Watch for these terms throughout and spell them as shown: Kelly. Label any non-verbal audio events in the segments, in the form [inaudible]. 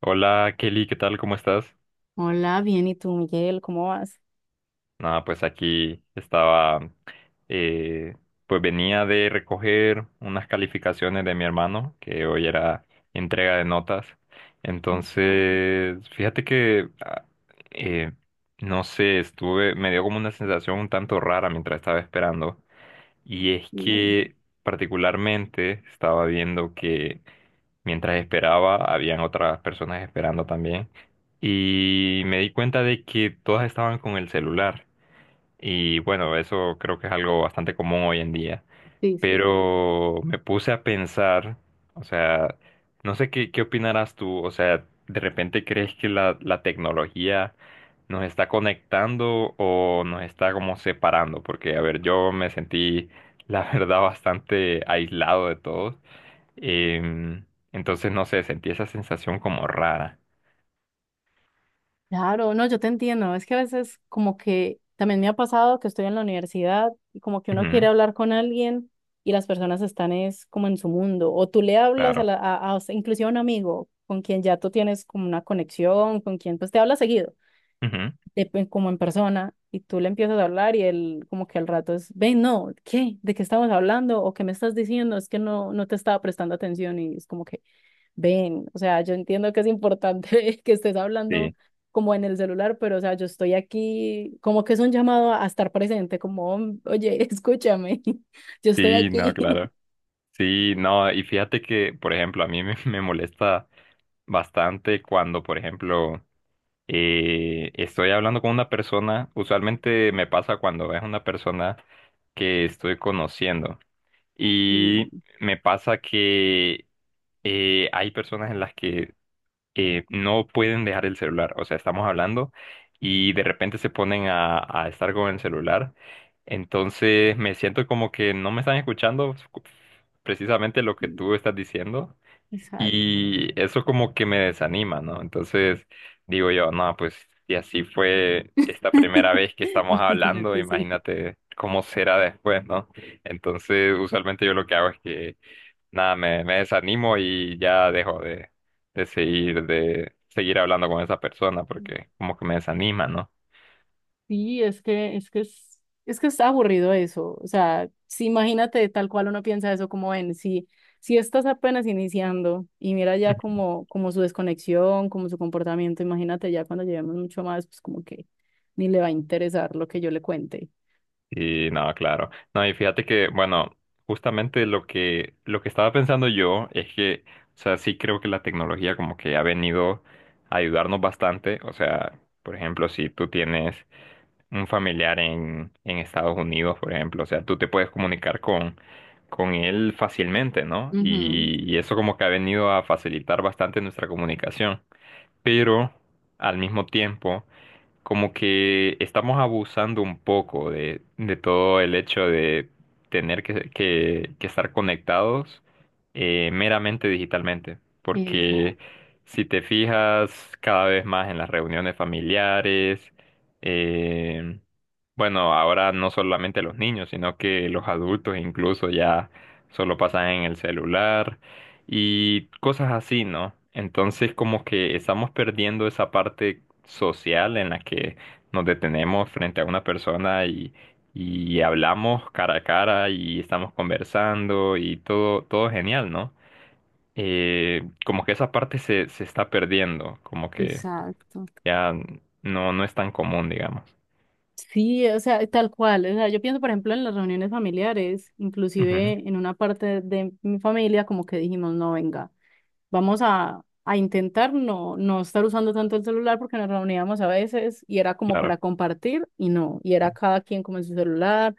Hola Kelly, ¿qué tal? ¿Cómo estás? Hola, bien, ¿y tú, Miguel? ¿Cómo vas? Nada, pues aquí estaba, eh, pues venía de recoger unas calificaciones de mi hermano, que hoy era entrega de notas. Ajá, Entonces, fíjate que, eh, no sé, estuve, me dio como una sensación un tanto rara mientras estaba esperando. Y es bien, que particularmente estaba viendo que mientras esperaba, habían otras personas esperando también. Y me di cuenta de que todas estaban con el celular. Y bueno, eso creo que es algo bastante común hoy en día. sí, sí. Pero me puse a pensar, o sea, no sé qué, qué opinarás tú. O sea, ¿de repente crees que la tecnología nos está conectando o nos está como separando? Porque, a ver, yo me sentí, la [laughs] verdad, bastante aislado de todos. Em, entonces, no sé, sentí esa sensación como rara. Claro, no, yo te entiendo. Es que a veces como que también me ha pasado que estoy en la universidad y como que uno quiere Ujú, hablar con alguien y las personas están es como en su mundo. O tú le hablas a, claro. la, a- o inclusive a un amigo con quien ya tú tienes como una conexión, con quien pues te hablas seguido, Ujú, como en persona, y tú le empiezas a hablar y él como que al rato es, ven, no, ¿qué? ¿De qué estamos hablando? ¿O qué me estás diciendo? Es que no te estaba prestando atención y es como que... Ven, o sea, yo entiendo que es importante [laughs] que estés hablando sí, como en el celular, pero o sea, yo estoy aquí, como que es un llamado a estar presente, como, oye, [laughs] escúchame, [laughs] yo estoy sí, no, aquí. [laughs] claro. Sí, no, y fíjate que, por ejemplo, a mí me, [laughs] me molesta bastante cuando, por ejemplo, estoy hablando con una persona, usualmente me pasa cuando es una persona que estoy conociendo. Y Sí, me pasa que hay personas en las que no pueden dejar el celular. O sea, estamos hablando y de repente se ponen a estar con el celular. Entonces me siento como que no me están escuchando precisamente lo que sí, tú estás diciendo exacto. y eso como que me desanima, ¿no? Entonces digo yo, no, pues si así fue esta primera vez que [laughs] estamos hablando, Imagínate, sí. imagínate cómo será después, ¿no? Entonces usualmente yo lo que hago es que nada, me desanimo y ya dejo de seguir hablando con esa persona porque como que me desanima, ¿no? Sí, es que está aburrido eso. O sea, si imagínate tal cual uno piensa eso, como ven, si, si estás apenas iniciando y mira ya [laughs] como, como su desconexión, como su comportamiento, imagínate ya cuando llevemos mucho más, pues como que ni le va a interesar lo que yo le cuente. Y no, claro. No, y fíjate que, bueno, justamente lo que estaba pensando yo es que, o sea, sí creo que la tecnología como que ha venido a ayudarnos bastante. O sea, por ejemplo, si tú tienes un familiar en Estados Unidos, por ejemplo. O sea, tú te puedes comunicar con él fácilmente, ¿no? Ujú. Y eso como que ha venido a facilitar bastante nuestra comunicación. Pero al mismo tiempo como que estamos abusando un poco de todo el hecho de tener que estar conectados meramente digitalmente, porque Exacto, si te fijas cada vez más en las reuniones familiares, eh, bueno, ahora no solamente los niños, sino que los adultos incluso ya solo pasan en el celular y cosas así, ¿no? Entonces como que estamos perdiendo esa parte social en la que nos detenemos frente a una persona y hablamos cara a cara y estamos conversando y todo, todo genial, ¿no? Como que esa parte se, se está perdiendo, como que exacto. ya no, no es tan común, digamos. Sí, o sea, tal cual. O sea, yo pienso, por ejemplo, en las reuniones familiares, inclusive Ujú, en una parte de mi familia, como que dijimos, no, venga. Vamos a intentar no estar usando tanto el celular porque nos reuníamos a veces y era como claro. para compartir y no, y era cada quien como en su celular.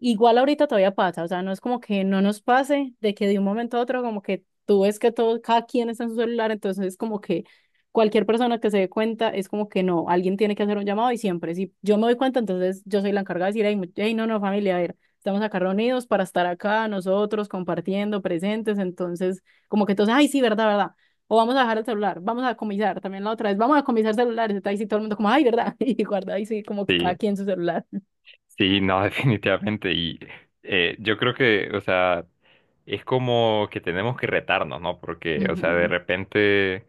Igual ahorita todavía pasa, o sea, no es como que no nos pase de que de un momento a otro como que tú ves que todo, cada quien está en su celular, entonces es como que cualquier persona que se dé cuenta es como que no, alguien tiene que hacer un llamado y siempre, si yo me doy cuenta, entonces yo soy la encargada de decir, hey, hey, no, no, familia, a ver, estamos acá reunidos para estar acá nosotros compartiendo, presentes, entonces como que entonces, ay, sí, verdad, verdad. O vamos a dejar el celular, vamos a comisar, también la otra vez, vamos a comisar celulares, está ahí sí todo el mundo como, ay, verdad, [laughs] y guarda ahí sí como que cada Sí. quien su celular. Sí, no, [laughs] definitivamente. Y yo creo que, o sea, es como que tenemos que retarnos, ¿no? Porque, o sea, de Ujú. repente,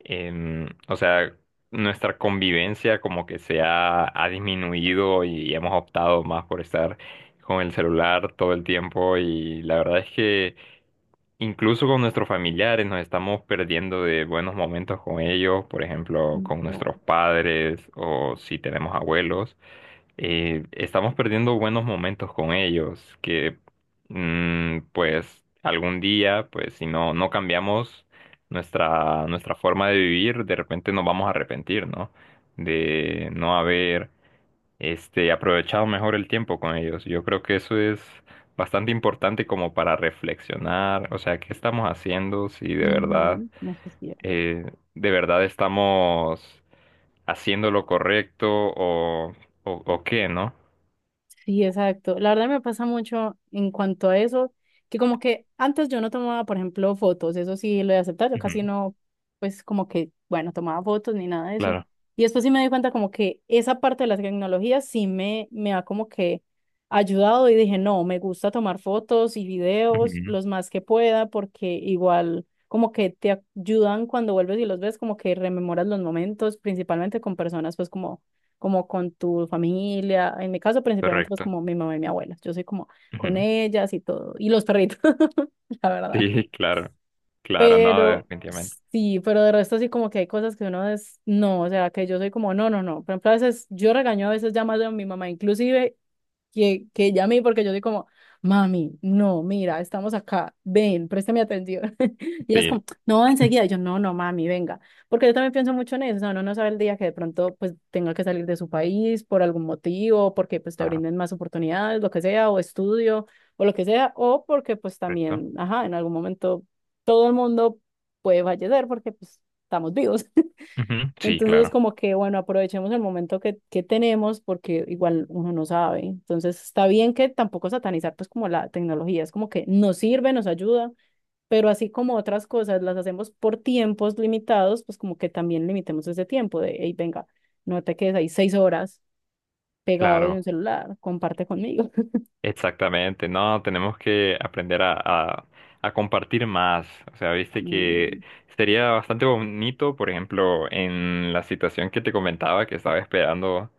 o sea, nuestra convivencia como que se ha, ha disminuido y hemos optado más por estar con el celular todo el tiempo. Y la verdad es que incluso con nuestros familiares nos estamos perdiendo de buenos momentos con ellos, por ejemplo, con nuestros padres o si tenemos abuelos estamos perdiendo buenos momentos con ellos, que mm, pues algún día, pues si no, no cambiamos nuestra, nuestra forma de vivir, de repente nos vamos a arrepentir, ¿no? De no haber este, aprovechado mejor el tiempo con ellos. Yo creo que eso es bastante importante como para reflexionar, o sea, ¿qué estamos haciendo? Si de verdad, Ujú, eso es cierto. De verdad estamos haciendo lo correcto o qué, ¿no? Sí, exacto. La verdad me pasa mucho en cuanto a eso, que como que antes yo no tomaba, por ejemplo, fotos, eso sí lo he aceptado, yo Ujú. casi no, pues como que, bueno, tomaba fotos ni nada de eso. Claro. Y después sí me di cuenta como que esa parte de las tecnologías sí me ha como que ayudado y dije, no, me gusta tomar fotos y videos Ujú, los más que pueda porque igual como que te ayudan cuando vuelves y los ves, como que rememoras los momentos, principalmente con personas pues como como con tu familia, en mi caso principalmente pues correcto. como mi mamá y mi abuela, yo soy como con Ujú. ellas y todo, y los perritos, [laughs] la verdad. Sí, [laughs] claro. Claro, no, Pero definitivamente. sí, pero de resto sí como que hay cosas que uno es, no, o sea, que yo soy como, no, no, no, por ejemplo, a veces yo regaño a veces ya más a mi mamá inclusive que llamé porque yo soy como, mami, no, mira, estamos acá, ven, préstame atención. [laughs] Y ella es Sí. como, no, enseguida. Y yo, no, no, mami, venga. Porque yo también pienso mucho en eso, o sea, uno no sabe el día que de pronto pues tenga que salir de su país por algún motivo, porque pues te Ah, brinden más oportunidades, lo que sea, o estudio, o lo que sea, o porque pues correcto. también, ajá, en algún momento todo el mundo puede fallecer porque pues estamos vivos. Ujú, sí, Entonces es claro. como que, bueno, aprovechemos el momento que tenemos porque igual uno no sabe. Entonces está bien que tampoco satanizar pues como la tecnología, es como que nos sirve, nos ayuda, pero así como otras cosas las hacemos por tiempos limitados, pues como que también limitemos ese tiempo de, hey, venga, no te quedes ahí 6 horas pegado de un Claro. celular, comparte conmigo. [laughs] Exactamente, no, tenemos que aprender a compartir más. O sea, viste que Mm, sería bastante bonito, por ejemplo, en la situación que te comentaba que estaba esperando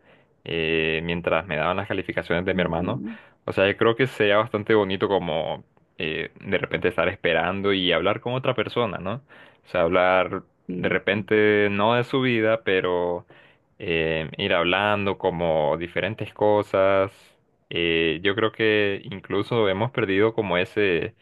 mientras me daban las calificaciones de mi hermano. ujú, O sea, yo creo que sería bastante bonito como de repente estar esperando y hablar con otra persona, ¿no? O sea, hablar de sí, repente no de su vida, pero ir hablando como diferentes cosas, yo creo que incluso hemos perdido como ese,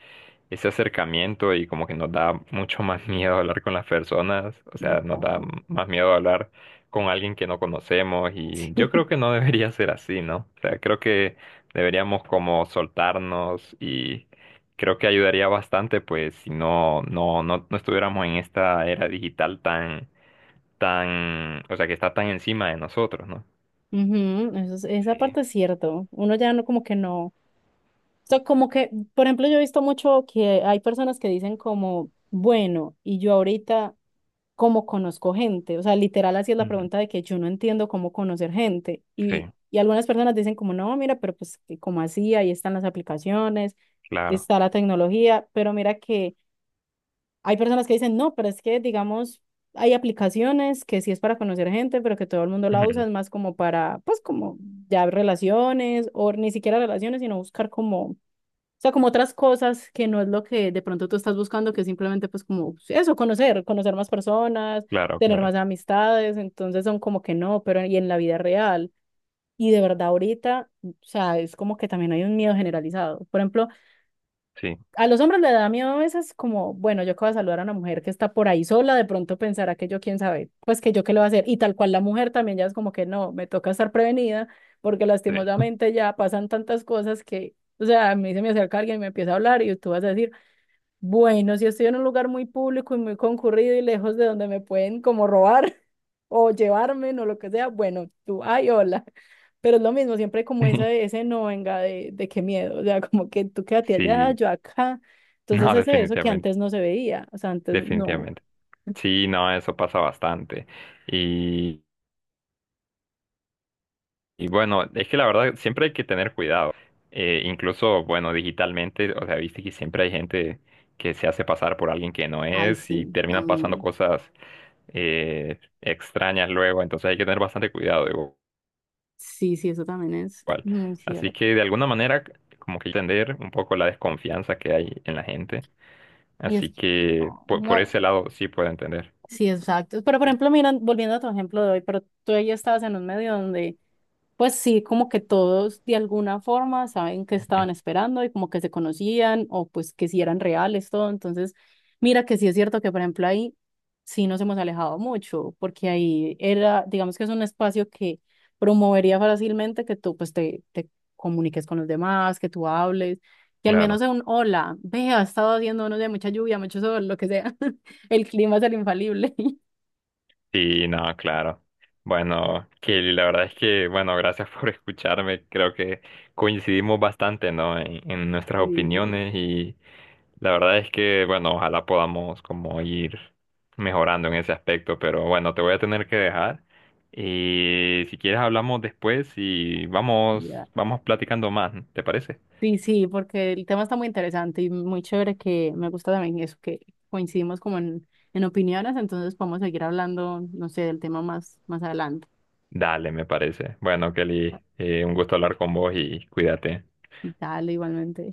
ese acercamiento y como que nos da mucho más [laughs] miedo hablar con las personas, o sea, nos da exacto. más miedo hablar con alguien que no conocemos y yo creo que no [laughs] debería ser así, ¿no? O sea, creo que deberíamos como soltarnos y creo que ayudaría bastante pues si no, no, no, no estuviéramos en esta era digital tan, tan, o sea, que está tan encima de nosotros, ¿no? Ujú, eso esa Sí. parte es cierto. Uno ya no como que no. O sea, como que, por ejemplo, yo he visto mucho que hay personas que dicen como, bueno, y yo ahorita, ¿cómo conozco gente? O sea, literal, así es la Ujú. pregunta de que yo no entiendo cómo conocer gente. Sí, Y algunas personas dicen como, no, mira, pero pues, ¿como así? Ahí están las aplicaciones, claro. está la tecnología, pero mira que hay personas que dicen, no, pero es que, digamos, hay aplicaciones que sí es para conocer gente, pero que todo el mundo la usa, es [laughs] más como para, pues, como ya relaciones, o ni siquiera relaciones, sino buscar como o sea, como otras cosas que no es lo que de pronto tú estás buscando, que es simplemente pues como eso, conocer, conocer más personas, Claro, tener más claro. amistades, entonces son como que no, pero y en la vida real. Y de verdad ahorita, o sea, es como que también hay un miedo generalizado. Por ejemplo, Sí, a los hombres le da miedo a veces como, bueno, yo que voy a saludar a una mujer que está por ahí sola, de pronto pensará que yo, quién sabe, pues que yo qué le voy a hacer. Y tal cual la mujer también ya es como que no, me toca estar prevenida porque sí. lastimosamente ya pasan tantas cosas que, o sea, a mí se me acerca alguien y me empieza a hablar y tú vas a decir, bueno, si estoy en un lugar muy público y muy concurrido y lejos de donde me pueden como robar, o llevarme, o lo que sea, bueno, tú, ay, hola. Pero es lo mismo, siempre hay como ese, [laughs] ese no venga de qué miedo, o sea, [laughs] como que tú quédate allá, Sí, yo acá. Entonces no, ese eso que definitivamente, antes no se veía, o sea, antes no. definitivamente. Sí, no, eso pasa bastante. Y, y bueno, es que la verdad siempre hay que tener cuidado. Incluso, bueno, digitalmente, o sea, viste que siempre hay gente que se hace pasar por alguien que no Ay, es y sí, terminan pasando también. cosas extrañas luego. Entonces hay que tener bastante cuidado. Sí, sí, eso también es Cual. muy Así cierto. que de alguna manera, como que entender un poco la desconfianza que hay en la gente. Y es Así que, que no, por no, ese lado sí puedo entender. sí, exacto. Pero, por Sí. ejemplo, mira, volviendo a tu ejemplo de hoy, pero tú ahí estabas en un medio donde pues sí, como que todos de alguna forma saben que Ujú, estaban esperando y como que se conocían o pues que si eran reales, todo. Entonces, mira que sí es cierto que, por ejemplo, ahí sí nos hemos alejado mucho, porque ahí era, digamos que es un espacio que promovería fácilmente que tú pues te comuniques con los demás, que tú hables, que al menos claro. sea un hola, vea, ha estado haciendo unos de mucha lluvia, mucho sol, lo que sea. [laughs] El clima es el infalible. [laughs] Sí, no, claro. Bueno, Kelly, la verdad es que, bueno, gracias [laughs] por escucharme. Creo que coincidimos bastante, ¿no? En nuestras Sí, sí, opiniones. La verdad es que, bueno, ojalá podamos como ir mejorando en ese aspecto, pero bueno, te voy a tener que dejar. Y si quieres hablamos después y vamos, ya. vamos platicando más, ¿te parece? Sí, sí, porque el tema está muy interesante y muy chévere que me gusta también eso, que coincidimos como en opiniones, entonces podemos seguir hablando, no sé, del tema más, más adelante. Dale, me parece. Bueno, Kelly, un gusto hablar con vos y cuídate. Dale, igualmente.